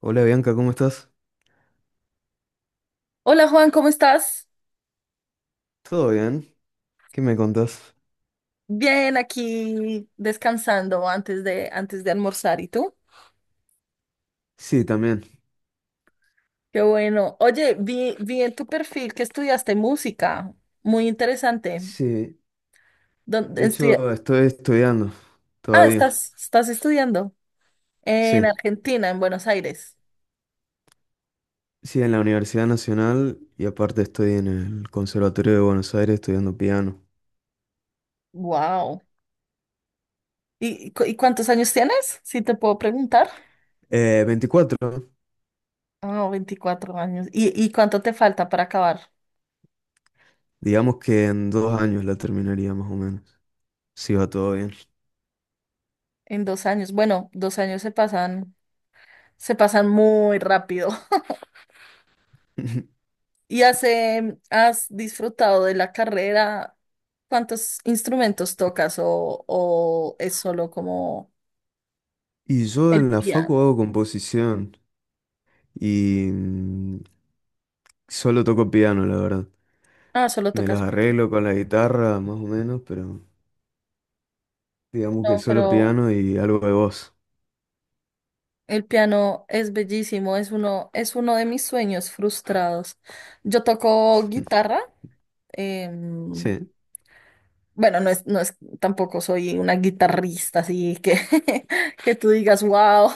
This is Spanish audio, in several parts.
Hola Bianca, ¿cómo estás? Hola Juan, ¿cómo estás? ¿Todo bien? ¿Qué me contás? Bien, aquí descansando antes de almorzar. ¿Y tú? Sí, también. Qué bueno. Oye, vi en tu perfil que estudiaste música. Muy interesante. Sí, ¿Dónde de hecho estoy estudiando Ah, todavía. estás estudiando en Sí, Argentina, en Buenos Aires. sí, en la Universidad Nacional y aparte estoy en el Conservatorio de Buenos Aires estudiando piano. Wow. ¿Y, y cuántos años tienes? Si te puedo preguntar. 24, Ah, 24 años. Y cuánto te falta para acabar? digamos que en dos años la terminaría más o menos, si va todo bien. En 2 años. Bueno, dos años se pasan muy rápido. ¿Y has, has disfrutado de la carrera? ¿Cuántos instrumentos tocas o es solo como Y yo en el la facu piano? hago composición y solo toco piano, la verdad. Ah, solo Me tocas las piano. arreglo con la guitarra, más o menos, pero... Digamos que No, solo pero piano y algo de voz. el piano es bellísimo, es uno de mis sueños frustrados. Yo toco guitarra. em, Sí, bueno, no es, tampoco soy una guitarrista, así que, que tú digas, wow,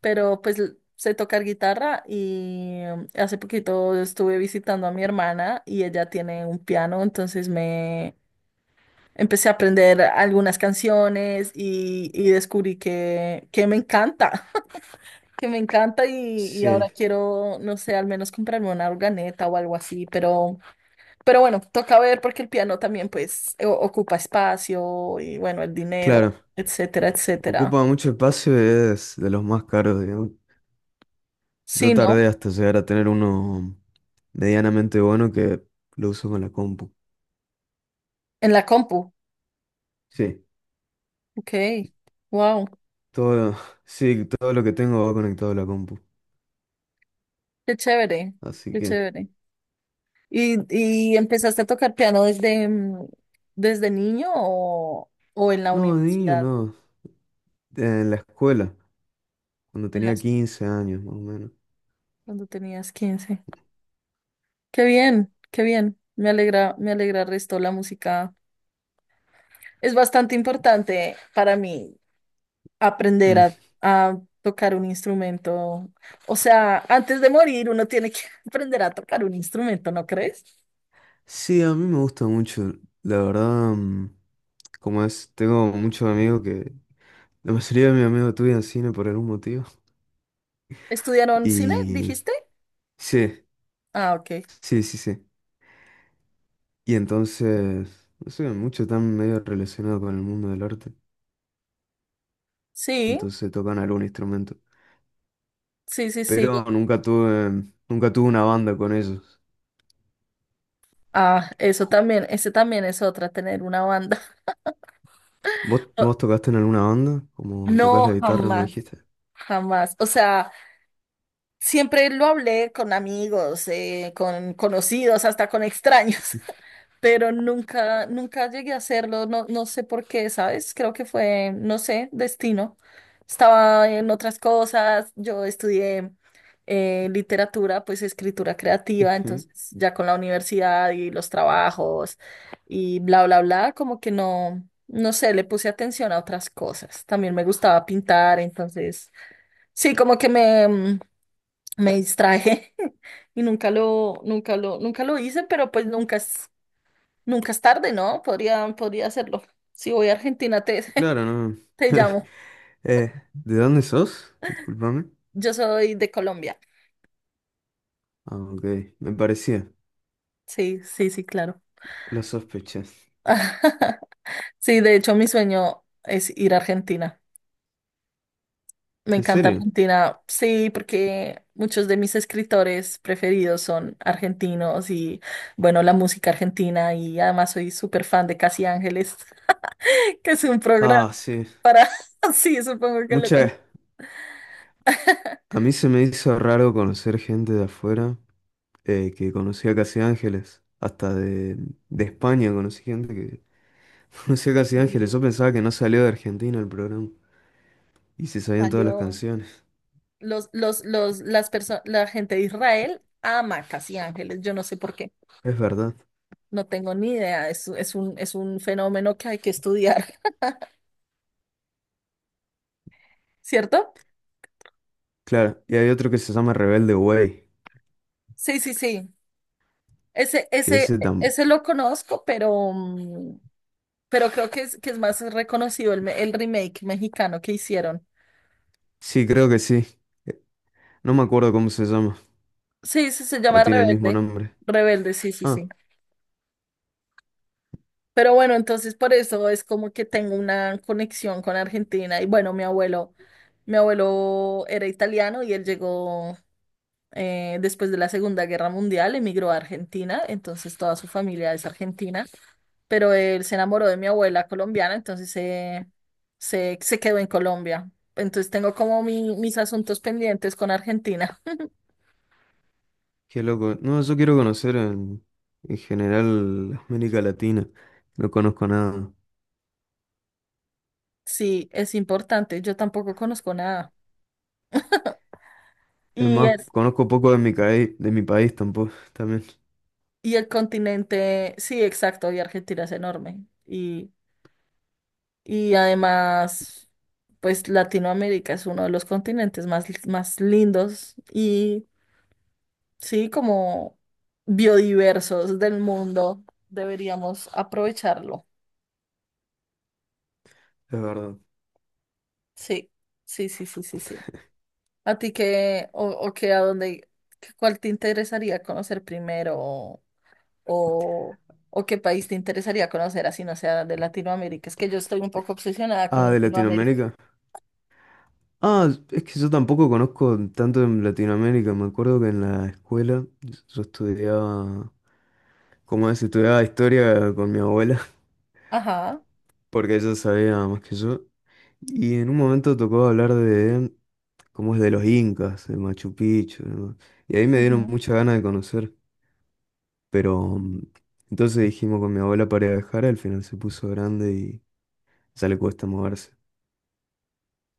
pero pues sé tocar guitarra y hace poquito estuve visitando a mi hermana y ella tiene un piano, entonces me empecé a aprender algunas canciones y descubrí que me encanta, que me encanta y ahora sí, quiero, no sé, al menos comprarme una organeta o algo así, pero bueno, toca ver porque el piano también pues ocupa espacio y bueno, el dinero, claro. etcétera, etcétera. Ocupa mucho espacio y es de los más caros, digamos. Yo Sí, ¿no? tardé hasta llegar a tener uno medianamente bueno que lo uso con la compu. En la compu. Sí, Ok, wow. todo, sí, todo lo que tengo va conectado a la compu. Qué chévere, Así qué que, chévere. ¿Y, y empezaste a tocar piano desde, desde niño o en la no, de niño, universidad, no. En la escuela, cuando en la tenía escuela, 15 años, más o menos. cuando tenías 15? Qué bien, qué bien. Me alegra el resto la música. Es bastante importante para mí aprender a tocar un instrumento. O sea, antes de morir uno tiene que aprender a tocar un instrumento, ¿no crees? Sí, a mí me gusta mucho, la verdad, como es, tengo muchos amigos que, la mayoría de mis amigos estudian cine por algún motivo, ¿Estudiaron cine, y dijiste? sí, Ah, ok. sí, sí, sí, y entonces, no sé, muchos están medio relacionados con el mundo del arte, Sí, entonces tocan algún instrumento, sí, sí, sí. pero nunca tuve una banda con ellos. Ah, eso Ju- también, ese también es otra, tener una banda. ¿Vos, vos tocaste en alguna banda? Como tocas la No, guitarra, me jamás, dijiste. jamás. O sea, siempre lo hablé con amigos, con conocidos, hasta con extraños. Pero nunca, nunca llegué a hacerlo, no, no sé por qué, ¿sabes? Creo que fue, no sé, destino. Estaba en otras cosas, yo estudié literatura, pues escritura creativa, Ujú. entonces ya con la universidad y los trabajos y bla, bla, bla, como que no, no sé, le puse atención a otras cosas. También me gustaba pintar, entonces sí, como que me, me distraje y nunca lo hice, pero pues nunca. Nunca es tarde, ¿no? Podría, podría hacerlo. Si voy a Argentina, te, Claro, no. te llamo. ¿De dónde sos? Discúlpame. Yo soy de Colombia. Ah, ok, me parecía. Sí, sí, sí, claro. Lo sospeché. Sí, de hecho, mi sueño es ir a Argentina. Me ¿En encanta serio? Argentina. Sí, porque muchos de mis escritores preferidos son argentinos y, bueno, la música argentina. Y además soy súper fan de Casi Ángeles, que es un programa Ah, sí. para... Sí, supongo que lo Muchas. A mí se me hizo raro conocer gente de afuera que conocía casi ángeles. Hasta de España conocí gente que conocía casi ángeles. Y Yo pensaba que no salió de Argentina el programa. Y se sabían todas las salió. canciones. La gente de Israel ama Casi Ángeles, yo no sé por qué, Es verdad. no tengo ni idea, es un fenómeno que hay que estudiar, ¿cierto? Claro, y hay otro que se llama Rebelde Way. Sí, sí, sí, Que ese tan... ese lo conozco, pero, pero creo que que es más reconocido el, el remake mexicano que hicieron. Sí, creo que sí. No me acuerdo cómo se llama. Sí, sí, se O llama tiene el mismo Rebelde, nombre. Rebelde, sí, sí, Ah. sí. Pero bueno, entonces por eso es como que tengo una conexión con Argentina. Y bueno, mi abuelo era italiano y él llegó después de la Segunda Guerra Mundial, emigró a Argentina, entonces toda su familia es argentina. Pero él se enamoró de mi abuela colombiana, entonces se quedó en Colombia. Entonces tengo como mis asuntos pendientes con Argentina. Qué loco. No, yo quiero conocer en general América Latina. No conozco nada. Sí, es importante. Yo tampoco conozco nada. Es Y más, es... conozco poco de de mi país tampoco, también, Y el continente, sí, exacto, y Argentina es enorme. Y además, pues Latinoamérica es uno de los continentes más, más lindos y, sí, como biodiversos del mundo. Deberíamos aprovecharlo. es verdad. Sí, sí, sí, sí, sí, sí. ¿A ti qué, o qué, a dónde, cuál te interesaría conocer primero? O, o qué país te interesaría conocer así no sea de Latinoamérica. Es que yo estoy un poco obsesionada con Ah, de Latinoamérica. Latinoamérica. Ah, es que yo tampoco conozco tanto en Latinoamérica. Me acuerdo que en la escuela yo estudiaba, como es, estudiaba historia con mi abuela, Ajá. porque ella sabía más que yo. Y en un momento tocó hablar de cómo es de los incas, de Machu Picchu, ¿no? Y ahí me dieron Ujú. mucha ganas de conocer. Pero entonces dijimos con mi abuela para ir a dejar, al final se puso grande y ya le cuesta moverse.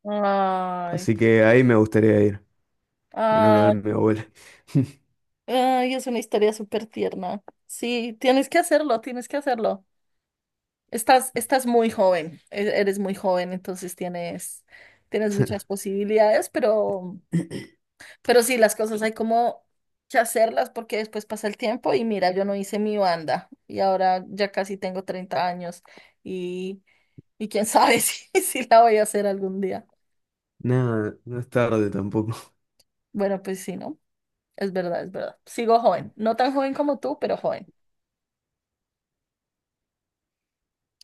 Ay, Así que ahí me gustaría ir, en una de ay, mi abuela. ay, es una historia súper tierna. Sí, tienes que hacerlo, tienes que hacerlo. Estás, estás muy joven, eres muy joven, entonces tienes, tienes muchas posibilidades, pero... Pero sí, las cosas hay como que hacerlas porque después pasa el tiempo y mira, yo no hice mi banda y ahora ya casi tengo 30 años y, y quién sabe si, si la voy a hacer algún día. Nada, no es tarde tampoco. Bueno, pues sí, ¿no? Es verdad, es verdad. Sigo joven, no tan joven como tú, pero joven.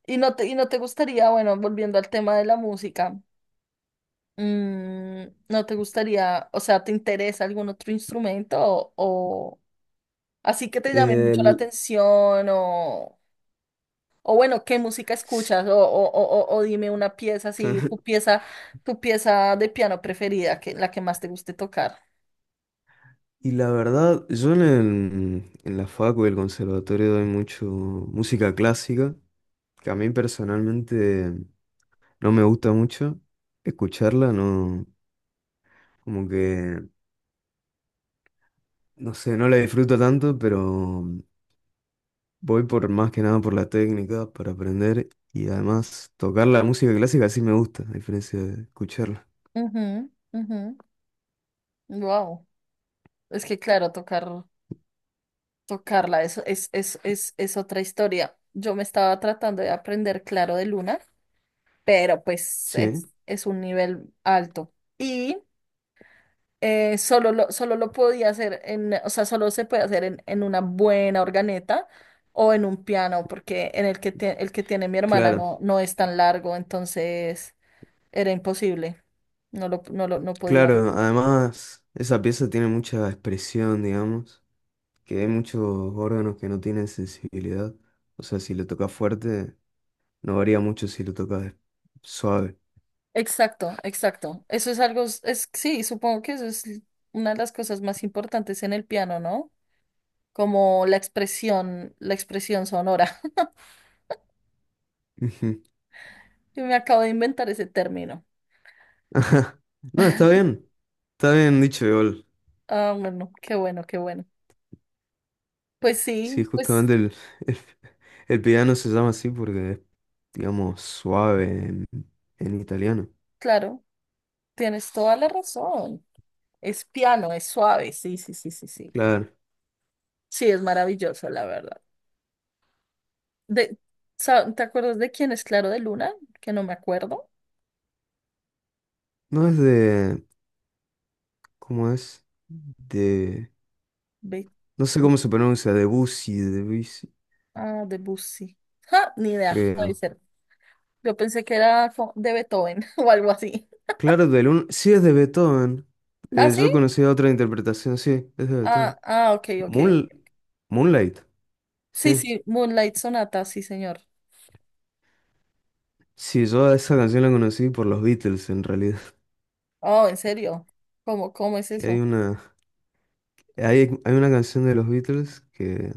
Y no te gustaría, bueno, volviendo al tema de la música, ¿no te gustaría, o sea, te interesa algún otro instrumento o así que te llame mucho la El- atención o bueno, qué música escuchas? O dime una pieza así, tu pieza de piano preferida, que, la que más te guste tocar. Y la verdad, yo en la facu y el conservatorio doy mucho música clásica, que a mí personalmente no me gusta mucho escucharla, no, como que, no sé, no la disfruto tanto, pero mm, voy por más que nada por la técnica para aprender y además tocar la música clásica sí me gusta, a diferencia de escucharla. Ujú, ujú. Wow. Es que claro, tocar, tocarla eso es, es otra historia. Yo me estaba tratando de aprender Claro de Luna, pero pues Sí, es un nivel alto. Y solo lo podía hacer en, o sea, solo se puede hacer en una buena organeta o en un piano, porque en el que, el que tiene mi hermana claro, no, no es tan largo, entonces era imposible. No podía. claro. Además, esa pieza tiene mucha expresión, digamos, que hay muchos órganos que no tienen sensibilidad. O sea, si lo tocas fuerte, no varía mucho si lo tocas suave. Exacto, exacto. Eso es algo, sí, supongo que eso es una de las cosas más importantes en el piano, ¿no? Como la expresión sonora. Ujú. Yo me acabo de inventar ese término. Ajá. No, está bien. Está bien dicho, igual. Ah, bueno, qué bueno, qué bueno. Pues Sí, sí, pues justamente el, el piano se llama así porque es, digamos, suave en italiano. claro. Tienes toda la razón. Es piano, es suave. Sí, sí, sí, sí, sí. Claro. Sí, es maravilloso, la verdad. De, ¿te acuerdas de quién es Claro de Luna? Que no me acuerdo. No es de... ¿Cómo es? De... Be- No sé Bu- cómo se pronuncia, Debussy, ah, de Bussi. Ja, ni idea, puede creo. ser. Yo pensé que era de Beethoven o algo así. Claro, del un... sí es de Beethoven. ¿Ah, sí? Yo conocí otra interpretación, sí, es de Ah, Beethoven. ah, ok, ok, ok. Moon... Moonlight, Sí, sí. sí, Moonlight Sonata, sí, señor. Sí, yo a esa canción la conocí por los Beatles en realidad. Oh, ¿en serio? ¿Cómo, cómo es Que hay eso? una... hay una canción de los Beatles que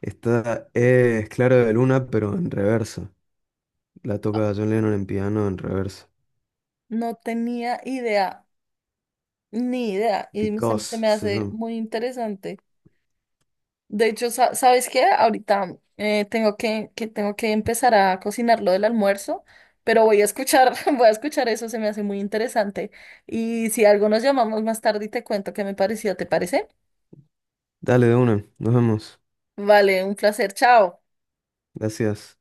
esta es Clara de Luna, pero en reverso. La toca John Lennon en piano en reverso. No tenía idea, ni idea. Y se Because, me se hace llama. muy interesante. De hecho, ¿sabes qué? Ahorita tengo que tengo que empezar a cocinar lo del almuerzo, pero voy a escuchar, voy a escuchar eso, se me hace muy interesante. Y si algo nos llamamos más tarde y te cuento qué me pareció, ¿te parece? Dale de una, nos vemos. Vale, un placer, chao. Gracias.